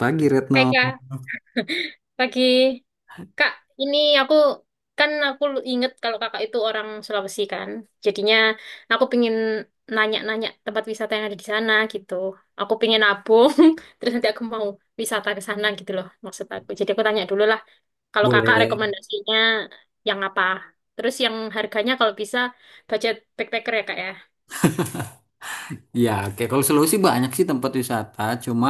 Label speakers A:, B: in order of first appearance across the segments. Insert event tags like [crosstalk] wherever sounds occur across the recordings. A: Pagi Retno.
B: Hai Kak, pagi. Kak, ini aku kan aku inget kalau kakak itu orang Sulawesi kan. Jadinya aku pingin nanya-nanya tempat wisata yang ada di sana gitu. Aku pingin nabung, [laughs] terus nanti aku mau wisata ke sana gitu loh maksud aku. Jadi aku tanya dulu lah, kalau kakak
A: Boleh.
B: rekomendasinya yang apa? Terus yang harganya kalau bisa budget backpacker ya kak ya.
A: Ya, oke. Kalau Sulawesi banyak sih tempat wisata. Cuma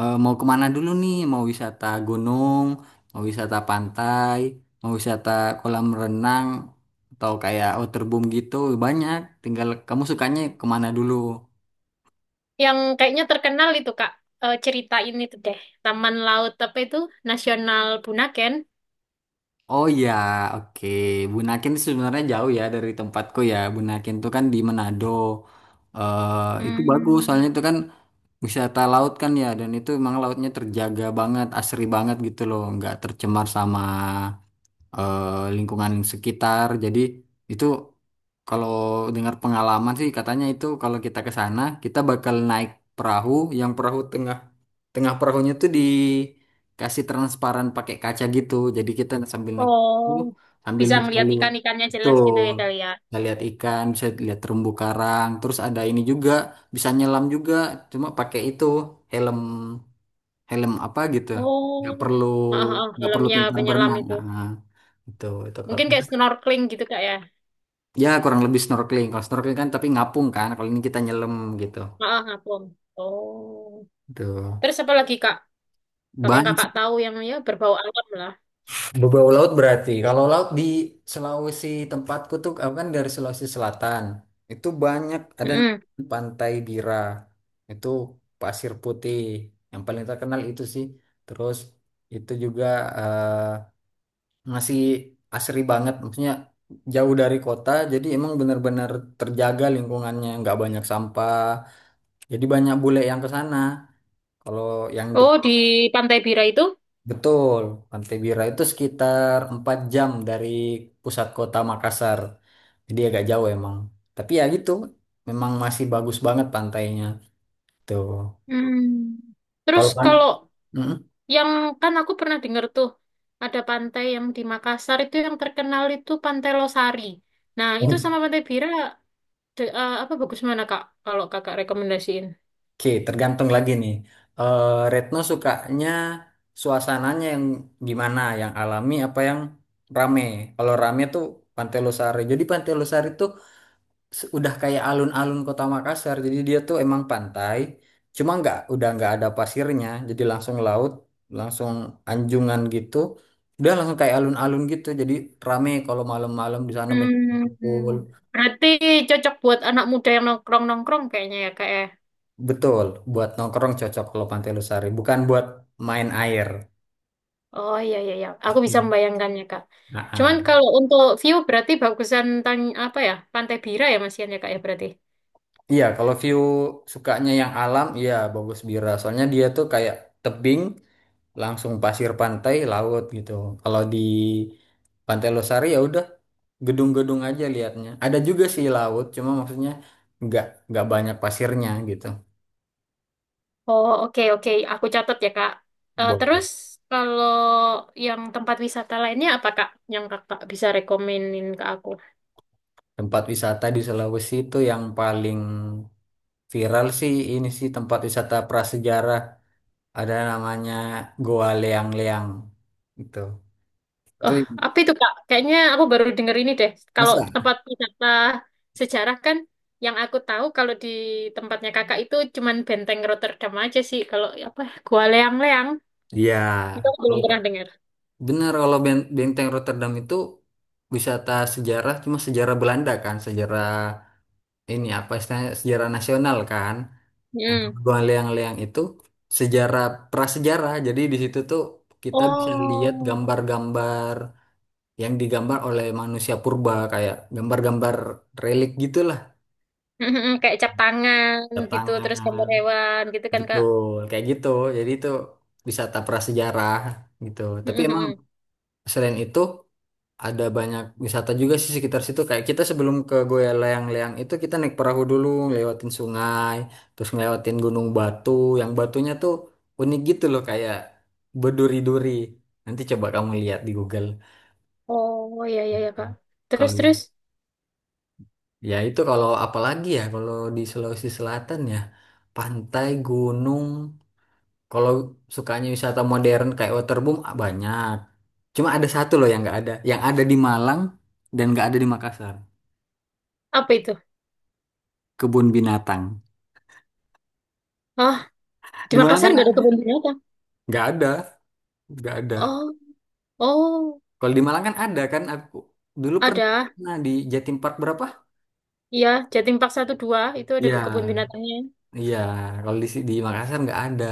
A: mau kemana dulu nih? Mau wisata gunung, mau wisata pantai, mau wisata kolam renang, atau kayak waterboom gitu. Banyak. Tinggal kamu sukanya kemana dulu?
B: Yang kayaknya terkenal itu kak, cerita ini tuh deh. Taman Laut apa itu? Nasional Bunaken.
A: Oh ya, oke. Bunaken sih sebenarnya jauh ya dari tempatku ya. Bunaken tuh kan di Manado. eh itu bagus, soalnya
B: Hmm.
A: itu kan wisata laut kan ya, dan itu emang lautnya terjaga banget, asri banget gitu loh, nggak tercemar sama eh, lingkungan sekitar. Jadi itu kalau dengar pengalaman sih, katanya itu kalau kita ke sana kita bakal naik perahu, yang perahu tengah tengah perahunya tuh dikasih transparan pakai kaca gitu. Jadi kita sambil naik perahu
B: Oh.
A: sambil
B: Bisa
A: bisa
B: ngelihat
A: lihat.
B: ikan-ikannya jelas gitu
A: Betul,
B: ya kali ya.
A: bisa lihat ikan, bisa lihat terumbu karang, terus ada ini juga, bisa nyelam juga cuma pakai itu helm helm apa gitu. Nggak
B: Oh.
A: perlu
B: Heeh, heeh,
A: nggak perlu
B: dalamnya
A: pintar
B: penyelam
A: berenang.
B: itu.
A: Nah, itu kalau
B: Mungkin kayak snorkeling gitu kak ya.
A: ya kurang lebih snorkeling. Kalau snorkeling kan tapi ngapung kan. Kalau ini kita nyelam gitu.
B: Heeh, ngapung. Oh.
A: Tuh.
B: Terus apa lagi kak? Kalau yang
A: Banyak
B: kakak
A: sih.
B: tahu yang ya berbau alam lah.
A: Beberapa laut berarti. Kalau laut di Sulawesi tempatku tuh, aku kan dari Sulawesi Selatan. Itu banyak, ada
B: Mm-mm.
A: Pantai Bira. Itu pasir putih yang paling terkenal itu sih. Terus itu juga eh, masih asri banget, maksudnya jauh dari kota jadi emang benar-benar terjaga lingkungannya, nggak banyak sampah. Jadi banyak bule yang ke sana. Kalau yang dek-
B: Oh, di Pantai Bira itu.
A: Betul, Pantai Bira itu sekitar 4 jam dari pusat kota Makassar. Jadi agak jauh emang. Tapi ya gitu, memang masih bagus banget pantainya. Tuh.
B: Hmm. Terus
A: Kalau pan
B: kalau
A: Mm-mm.
B: yang, kan aku pernah dengar tuh ada pantai yang di Makassar itu yang terkenal itu Pantai Losari. Nah itu sama
A: Oke,
B: Pantai Bira apa bagus mana kak? Kalau kakak rekomendasiin?
A: tergantung lagi nih. Eh, Retno sukanya suasananya yang gimana? Yang alami apa yang rame? Kalau rame tuh Pantai Losari. Jadi Pantai Losari itu udah kayak alun-alun kota Makassar, jadi dia tuh emang pantai cuma nggak, udah nggak ada pasirnya, jadi langsung laut, langsung anjungan gitu, udah langsung kayak alun-alun gitu, jadi rame kalau malam-malam di sana banyak yang kumpul.
B: Hmm, berarti cocok buat anak muda yang nongkrong-nongkrong kayaknya ya kak ya.
A: Betul, buat nongkrong cocok kalau Pantai Losari, bukan buat main air.
B: Oh iya iya iya, aku bisa
A: Hmm.
B: membayangkannya kak.
A: Nah,
B: Cuman
A: ah.
B: kalau untuk view berarti bagusan apa ya Pantai Bira ya Mas Ian ya kak ya berarti.
A: Iya, kalau view sukanya yang alam, iya bagus Bira, soalnya dia tuh kayak tebing langsung pasir pantai laut gitu. Kalau di Pantai Losari ya udah gedung-gedung aja liatnya, ada juga sih laut cuma maksudnya nggak banyak pasirnya gitu.
B: Oh oke oke, aku catat ya kak. Eh,
A: Boleh.
B: terus kalau yang tempat wisata lainnya apa kak yang kakak bisa rekomenin ke aku?
A: Tempat wisata di Sulawesi itu yang paling viral sih ini sih, tempat wisata prasejarah, ada namanya Goa Leang-Leang gitu.
B: Oh,
A: Itu.
B: apa itu Kak? Kayaknya aku baru dengar ini deh. Kalau
A: Masa.
B: tempat wisata sejarah kan yang aku tahu kalau di tempatnya Kakak itu cuman Benteng Rotterdam aja sih. Kalau apa Gua Leang-Leang
A: Iya.
B: itu aku belum pernah dengar.
A: Benar, kalau Benteng Rotterdam itu wisata sejarah, cuma sejarah Belanda kan, sejarah ini apa istilahnya, sejarah nasional kan.
B: Hmm.
A: Gua Leang-Leang itu sejarah prasejarah. Jadi di situ tuh kita bisa lihat
B: Oh.
A: gambar-gambar yang digambar oleh manusia purba, kayak gambar-gambar relik gitulah.
B: Mm-mm. Kayak cap tangan
A: Tanda
B: gitu, terus
A: tangan.
B: gambar hewan gitu kan Kak.
A: Betul, kayak gitu. Jadi itu wisata prasejarah gitu. Tapi emang
B: Mm-mm.
A: selain itu ada banyak wisata juga sih sekitar situ. Kayak kita sebelum ke Goa Leang-Leang itu kita naik perahu dulu, ngelewatin sungai, terus ngelewatin Gunung Batu. Yang batunya tuh unik gitu loh, kayak berduri-duri. Nanti coba kamu lihat di Google.
B: Oh iya iya ya Kak. Terus
A: Kalau
B: terus
A: ya itu, kalau apalagi ya, kalau di Sulawesi Selatan ya pantai, gunung. Kalau sukanya wisata modern kayak waterboom, ah, banyak. Cuma ada satu loh yang nggak ada, yang ada di Malang dan nggak ada di Makassar.
B: apa itu?
A: Kebun binatang.
B: Oh, di
A: Di Malang
B: Makassar
A: kan
B: nggak ada kebun binatang.
A: nggak ada, nggak ada.
B: Oh, oh
A: Kalau di Malang kan ada, kan aku dulu
B: ada.
A: pernah di Jatim Park berapa?
B: Iya Jatim Park satu dua itu ada kebun
A: Ya,
B: binatangnya.
A: iya. Kalau di di Makassar nggak ada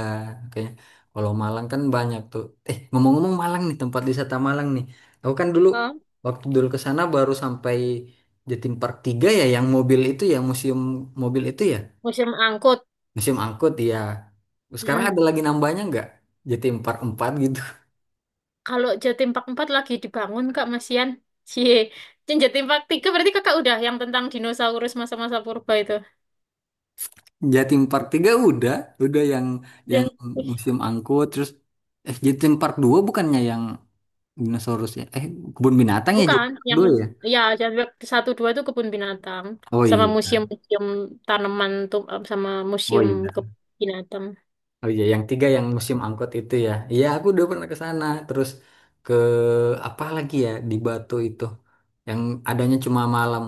A: kayaknya. Kalau Malang kan banyak tuh. Ngomong-ngomong Malang nih, tempat wisata Malang nih. Aku kan dulu,
B: Oh,
A: waktu dulu ke sana baru sampai Jatim Park tiga ya, yang mobil itu ya, museum mobil itu ya.
B: musim angkut.
A: Museum angkut ya. Sekarang ada
B: Mm.
A: lagi nambahnya nggak? Jatim Park 4 gitu.
B: Kalau Jatim Park 4 lagi dibangun, Kak, Masian. Cie. Yang Jatim Park 3 berarti Kakak udah yang tentang dinosaurus masa-masa purba itu.
A: Jatim Park tiga udah yang
B: Udah.
A: yang
B: Ih,
A: musim angkut, terus Jatim Park dua bukannya yang dinosaurus ya? Kebun binatang ya
B: bukan,
A: Jatim Park
B: yang
A: 2 ya?
B: ya Jatim Park 1 2 itu kebun binatang
A: Oh
B: sama
A: iya.
B: museum-museum tanaman tuh sama
A: Oh
B: museum
A: iya.
B: kebun binatang.
A: Oh iya, yang tiga yang musim angkut itu ya. Iya, aku udah pernah ke sana. Terus ke apa lagi ya di Batu itu yang adanya cuma malam.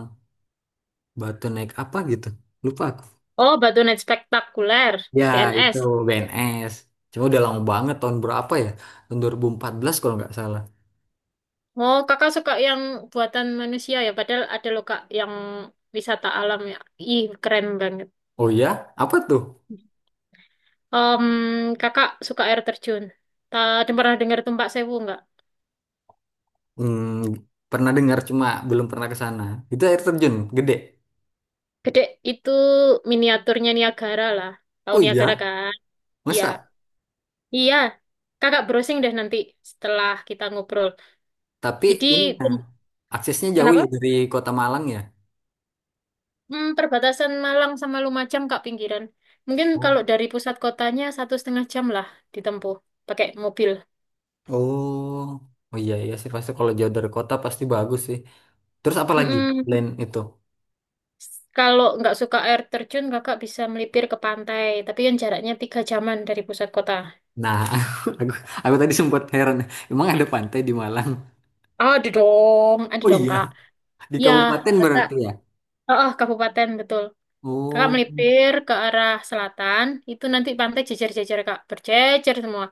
A: Batu naik apa gitu. Lupa aku.
B: Oh, Batu Night Spektakuler,
A: Ya, itu
B: BNS.
A: BNS. Cuma udah lama banget, tahun berapa ya? Tahun 2014 kalau nggak salah.
B: Oh, Kakak suka yang buatan manusia ya, padahal ada loh Kak yang wisata alam ya. Ih, keren banget.
A: Oh iya, apa tuh?
B: Em, Kakak suka air terjun. Tadi pernah dengar Tumpak Sewu nggak?
A: Hmm, pernah dengar cuma belum pernah ke sana. Itu air terjun gede.
B: Gede itu miniaturnya Niagara lah. Tahu
A: Oh
B: Niagara
A: iya,
B: kan? Iya.
A: masa?
B: Iya. Kakak browsing deh nanti setelah kita ngobrol.
A: Tapi
B: Jadi,
A: ini nah,
B: Tum-
A: aksesnya jauh
B: kenapa?
A: ya dari Kota Malang ya?
B: Hmm, perbatasan Malang sama Lumajang, Kak, pinggiran. Mungkin kalau
A: Oh.
B: dari pusat kotanya satu setengah jam lah ditempuh pakai mobil.
A: Oh, oh iya iya sih, pasti kalau jauh dari kota pasti bagus sih. Terus apa lagi
B: Mm-mm.
A: selain itu?
B: Kalau nggak suka air terjun, kakak bisa melipir ke pantai. Tapi yang jaraknya tiga jaman dari pusat kota.
A: Nah, [laughs] aku, aku tadi sempat heran. Emang ada pantai di Malang?
B: Oh, ada dong, ada
A: Oh
B: dong
A: iya,
B: kak.
A: di
B: Ya,
A: kabupaten
B: kakak.
A: berarti ya?
B: Oh, oh, kabupaten betul. Kakak
A: Oh,
B: melipir ke arah selatan, itu nanti pantai jejer-jejer kak, berjejer semua.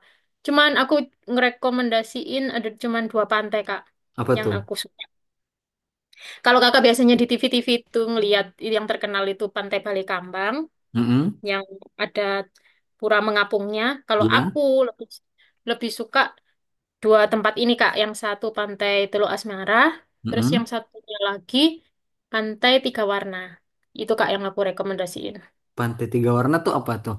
B: Cuman aku ngerekomendasiin ada cuman dua pantai kak
A: apa
B: yang
A: tuh?
B: aku suka. Kalau kakak biasanya di TV-TV itu ngelihat yang terkenal itu Pantai Balekambang
A: Mm-mm,
B: yang ada pura mengapungnya. Kalau
A: ya,
B: aku lebih lebih suka dua tempat ini Kak, yang satu Pantai Teluk Asmara, terus yang
A: mm-mm.
B: satunya lagi Pantai Tiga Warna. Itu Kak yang aku rekomendasiin.
A: Pantai Tiga Warna tuh apa tuh?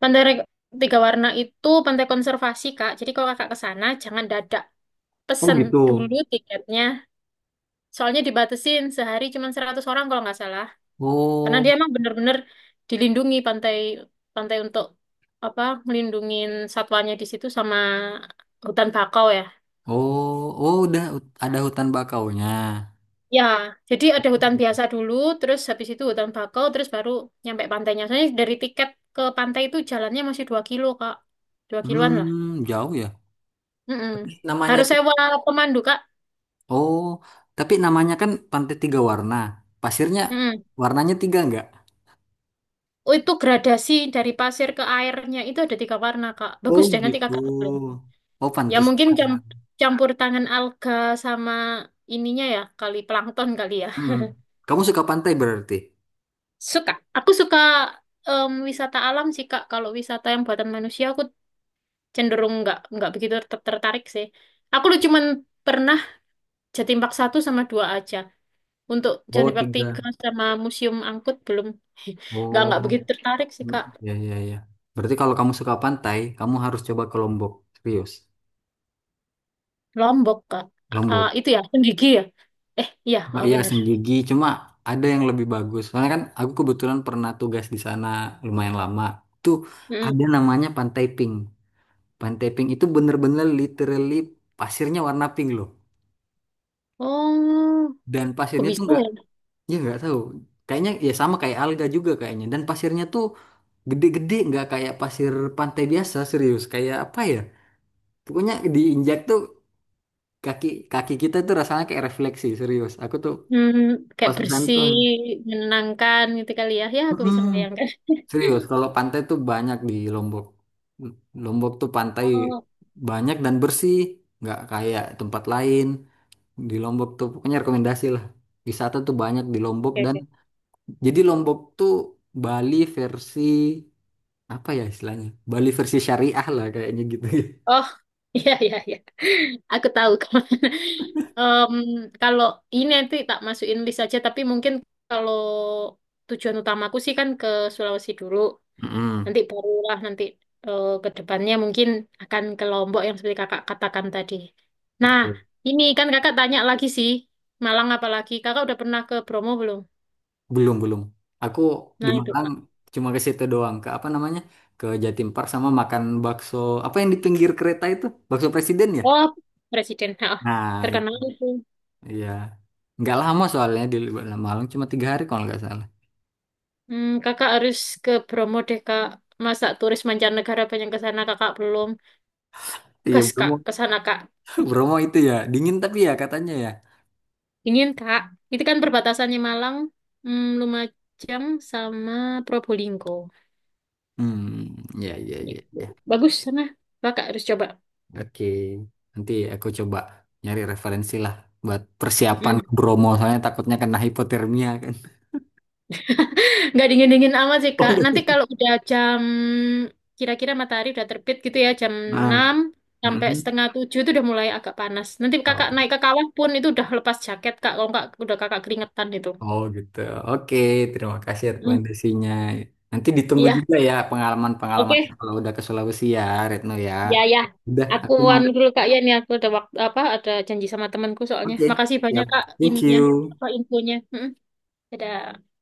B: Pantai Tiga Warna itu pantai konservasi Kak. Jadi kalau Kakak ke sana jangan dadak
A: Oh
B: pesen
A: gitu.
B: dulu tiketnya. Soalnya dibatasin sehari cuma 100 orang kalau nggak salah. Karena dia
A: Oh,
B: emang bener-bener dilindungi pantai pantai untuk apa ngelindungin satwanya di situ sama hutan bakau ya.
A: oh, oh udah ada hutan bakaunya.
B: Ya, jadi ada hutan biasa dulu, terus habis itu hutan bakau, terus baru nyampe pantainya. Soalnya dari tiket ke pantai itu jalannya masih 2 kilo, Kak. 2 kiloan lah.
A: Hmm, jauh ya.
B: Mm-mm.
A: Namanya
B: Harus
A: tuh.
B: sewa pemandu, Kak.
A: Oh, tapi namanya kan Pantai Tiga Warna. Pasirnya
B: Mm-mm.
A: warnanya tiga enggak?
B: Oh, itu gradasi dari pasir ke airnya itu ada tiga warna, Kak.
A: Oh
B: Bagus deh, nanti
A: gitu.
B: kakak googling.
A: Oh
B: Ya mungkin
A: pantesan.
B: campur tangan alga sama ininya ya, kali plankton kali ya.
A: Hmm. Kamu suka pantai berarti?
B: Suka. Aku suka wisata alam sih, Kak. Kalau wisata yang buatan manusia, aku cenderung nggak begitu tertarik sih. Aku cuman pernah jatim park satu sama dua aja. Untuk
A: Oh,
B: jatim park tiga
A: tiga.
B: sama Museum Angkut belum [laughs] nggak
A: Oh,
B: nggak begitu tertarik sih
A: mm,
B: Kak.
A: ya ya ya. Berarti kalau kamu suka pantai, kamu harus coba ke Lombok. Serius.
B: Lombok Kak. Ah,
A: Lombok.
B: itu ya Senggigi ya. Eh iya
A: Nah,
B: oh,
A: iya
B: bener.
A: Senggigi, cuma ada yang lebih bagus. Soalnya kan aku kebetulan pernah tugas di sana lumayan lama. Tuh,
B: Mm.
A: ada namanya Pantai Pink. Pantai Pink itu bener-bener literally pasirnya warna pink loh.
B: Oh,
A: Dan
B: aku
A: pasirnya tuh
B: bisa
A: nggak,
B: ya.
A: ya nggak tahu. Kayaknya ya sama kayak alga juga kayaknya. Dan pasirnya tuh gede-gede, nggak kayak pasir pantai biasa, serius. Kayak apa ya? Pokoknya diinjak tuh kaki kaki kita tuh rasanya kayak refleksi, serius. Aku tuh
B: Hmm, kayak
A: pas ke sana
B: bersih,
A: tuh,
B: menenangkan gitu kali ya. Ya aku
A: mm-mm.
B: bisa membayangkan.
A: Serius, kalau pantai tuh banyak di Lombok. Lombok tuh pantai
B: Oh,
A: banyak dan bersih, nggak kayak tempat lain. Di Lombok tuh pokoknya rekomendasi lah. Wisata tuh banyak di Lombok,
B: oke
A: dan
B: oke.
A: jadi Lombok tuh Bali versi apa ya istilahnya? Bali versi syariah lah kayaknya gitu. [laughs]
B: Oh, [laughs] iya, iya, iya. Aku tahu. [laughs] kemana. Em, Kalau ini nanti tak masukin list aja, tapi mungkin kalau tujuan utamaku sih kan ke Sulawesi dulu.
A: Mm-mm.
B: Nanti barulah nanti ke depannya mungkin akan ke Lombok yang seperti kakak katakan tadi. Nah, ini kan kakak tanya lagi sih, Malang apalagi. Kakak udah pernah ke Bromo belum?
A: Belum, belum. Aku di
B: Nah, itu
A: Malang
B: kak.
A: cuma ke situ doang, ke apa namanya? Ke Jatim Park sama makan bakso apa yang di pinggir kereta itu? Bakso Presiden ya?
B: Oh, Presiden. Nah,
A: Nah,
B: terkenal itu.
A: iya. Nggak lama, soalnya di Lembah Malang cuma 3 hari kalau nggak salah.
B: Hmm, kakak harus ke Bromo deh, Kak. Masa turis mancanegara banyak ke sana, kakak belum.
A: Iya
B: Gas, Kak,
A: Bromo.
B: ke sana, Kak.
A: [laughs] Bromo itu ya dingin tapi ya katanya ya.
B: Ingin, Kak. Itu kan perbatasannya Malang, Lumajang, sama Probolinggo.
A: Hmm, ya ya ya
B: Gitu.
A: ya.
B: Bagus sana. Kakak harus coba.
A: Oke. Nanti aku coba nyari referensi lah buat persiapan
B: Mm.
A: ke Bromo, soalnya takutnya kena hipotermia kan.
B: Nggak dingin-dingin amat sih, Kak. Nanti
A: [laughs]
B: kalau udah jam, kira-kira matahari udah terbit gitu ya, jam
A: Nah,
B: enam sampai
A: mhm.
B: setengah 7 itu udah mulai agak panas. Nanti
A: Oh,
B: kakak naik ke kawah pun itu udah lepas jaket, Kak. Kalau nggak, udah kakak keringetan itu.
A: oh, gitu. Oke, terima kasih
B: Mm.
A: rekomendasinya. Nanti ditunggu
B: Iya,
A: juga ya pengalaman-pengalamannya
B: oke.
A: kalau udah ke Sulawesi ya, Retno ya.
B: Ya, ya.
A: Udah,
B: Aku
A: aku mau.
B: anu dulu Kak ya nih aku ada waktu apa ada janji sama temanku soalnya.
A: Oke,
B: Makasih banyak
A: siap.
B: Kak
A: Thank
B: ininya
A: you.
B: apa infonya. Mm-mm. Dadah.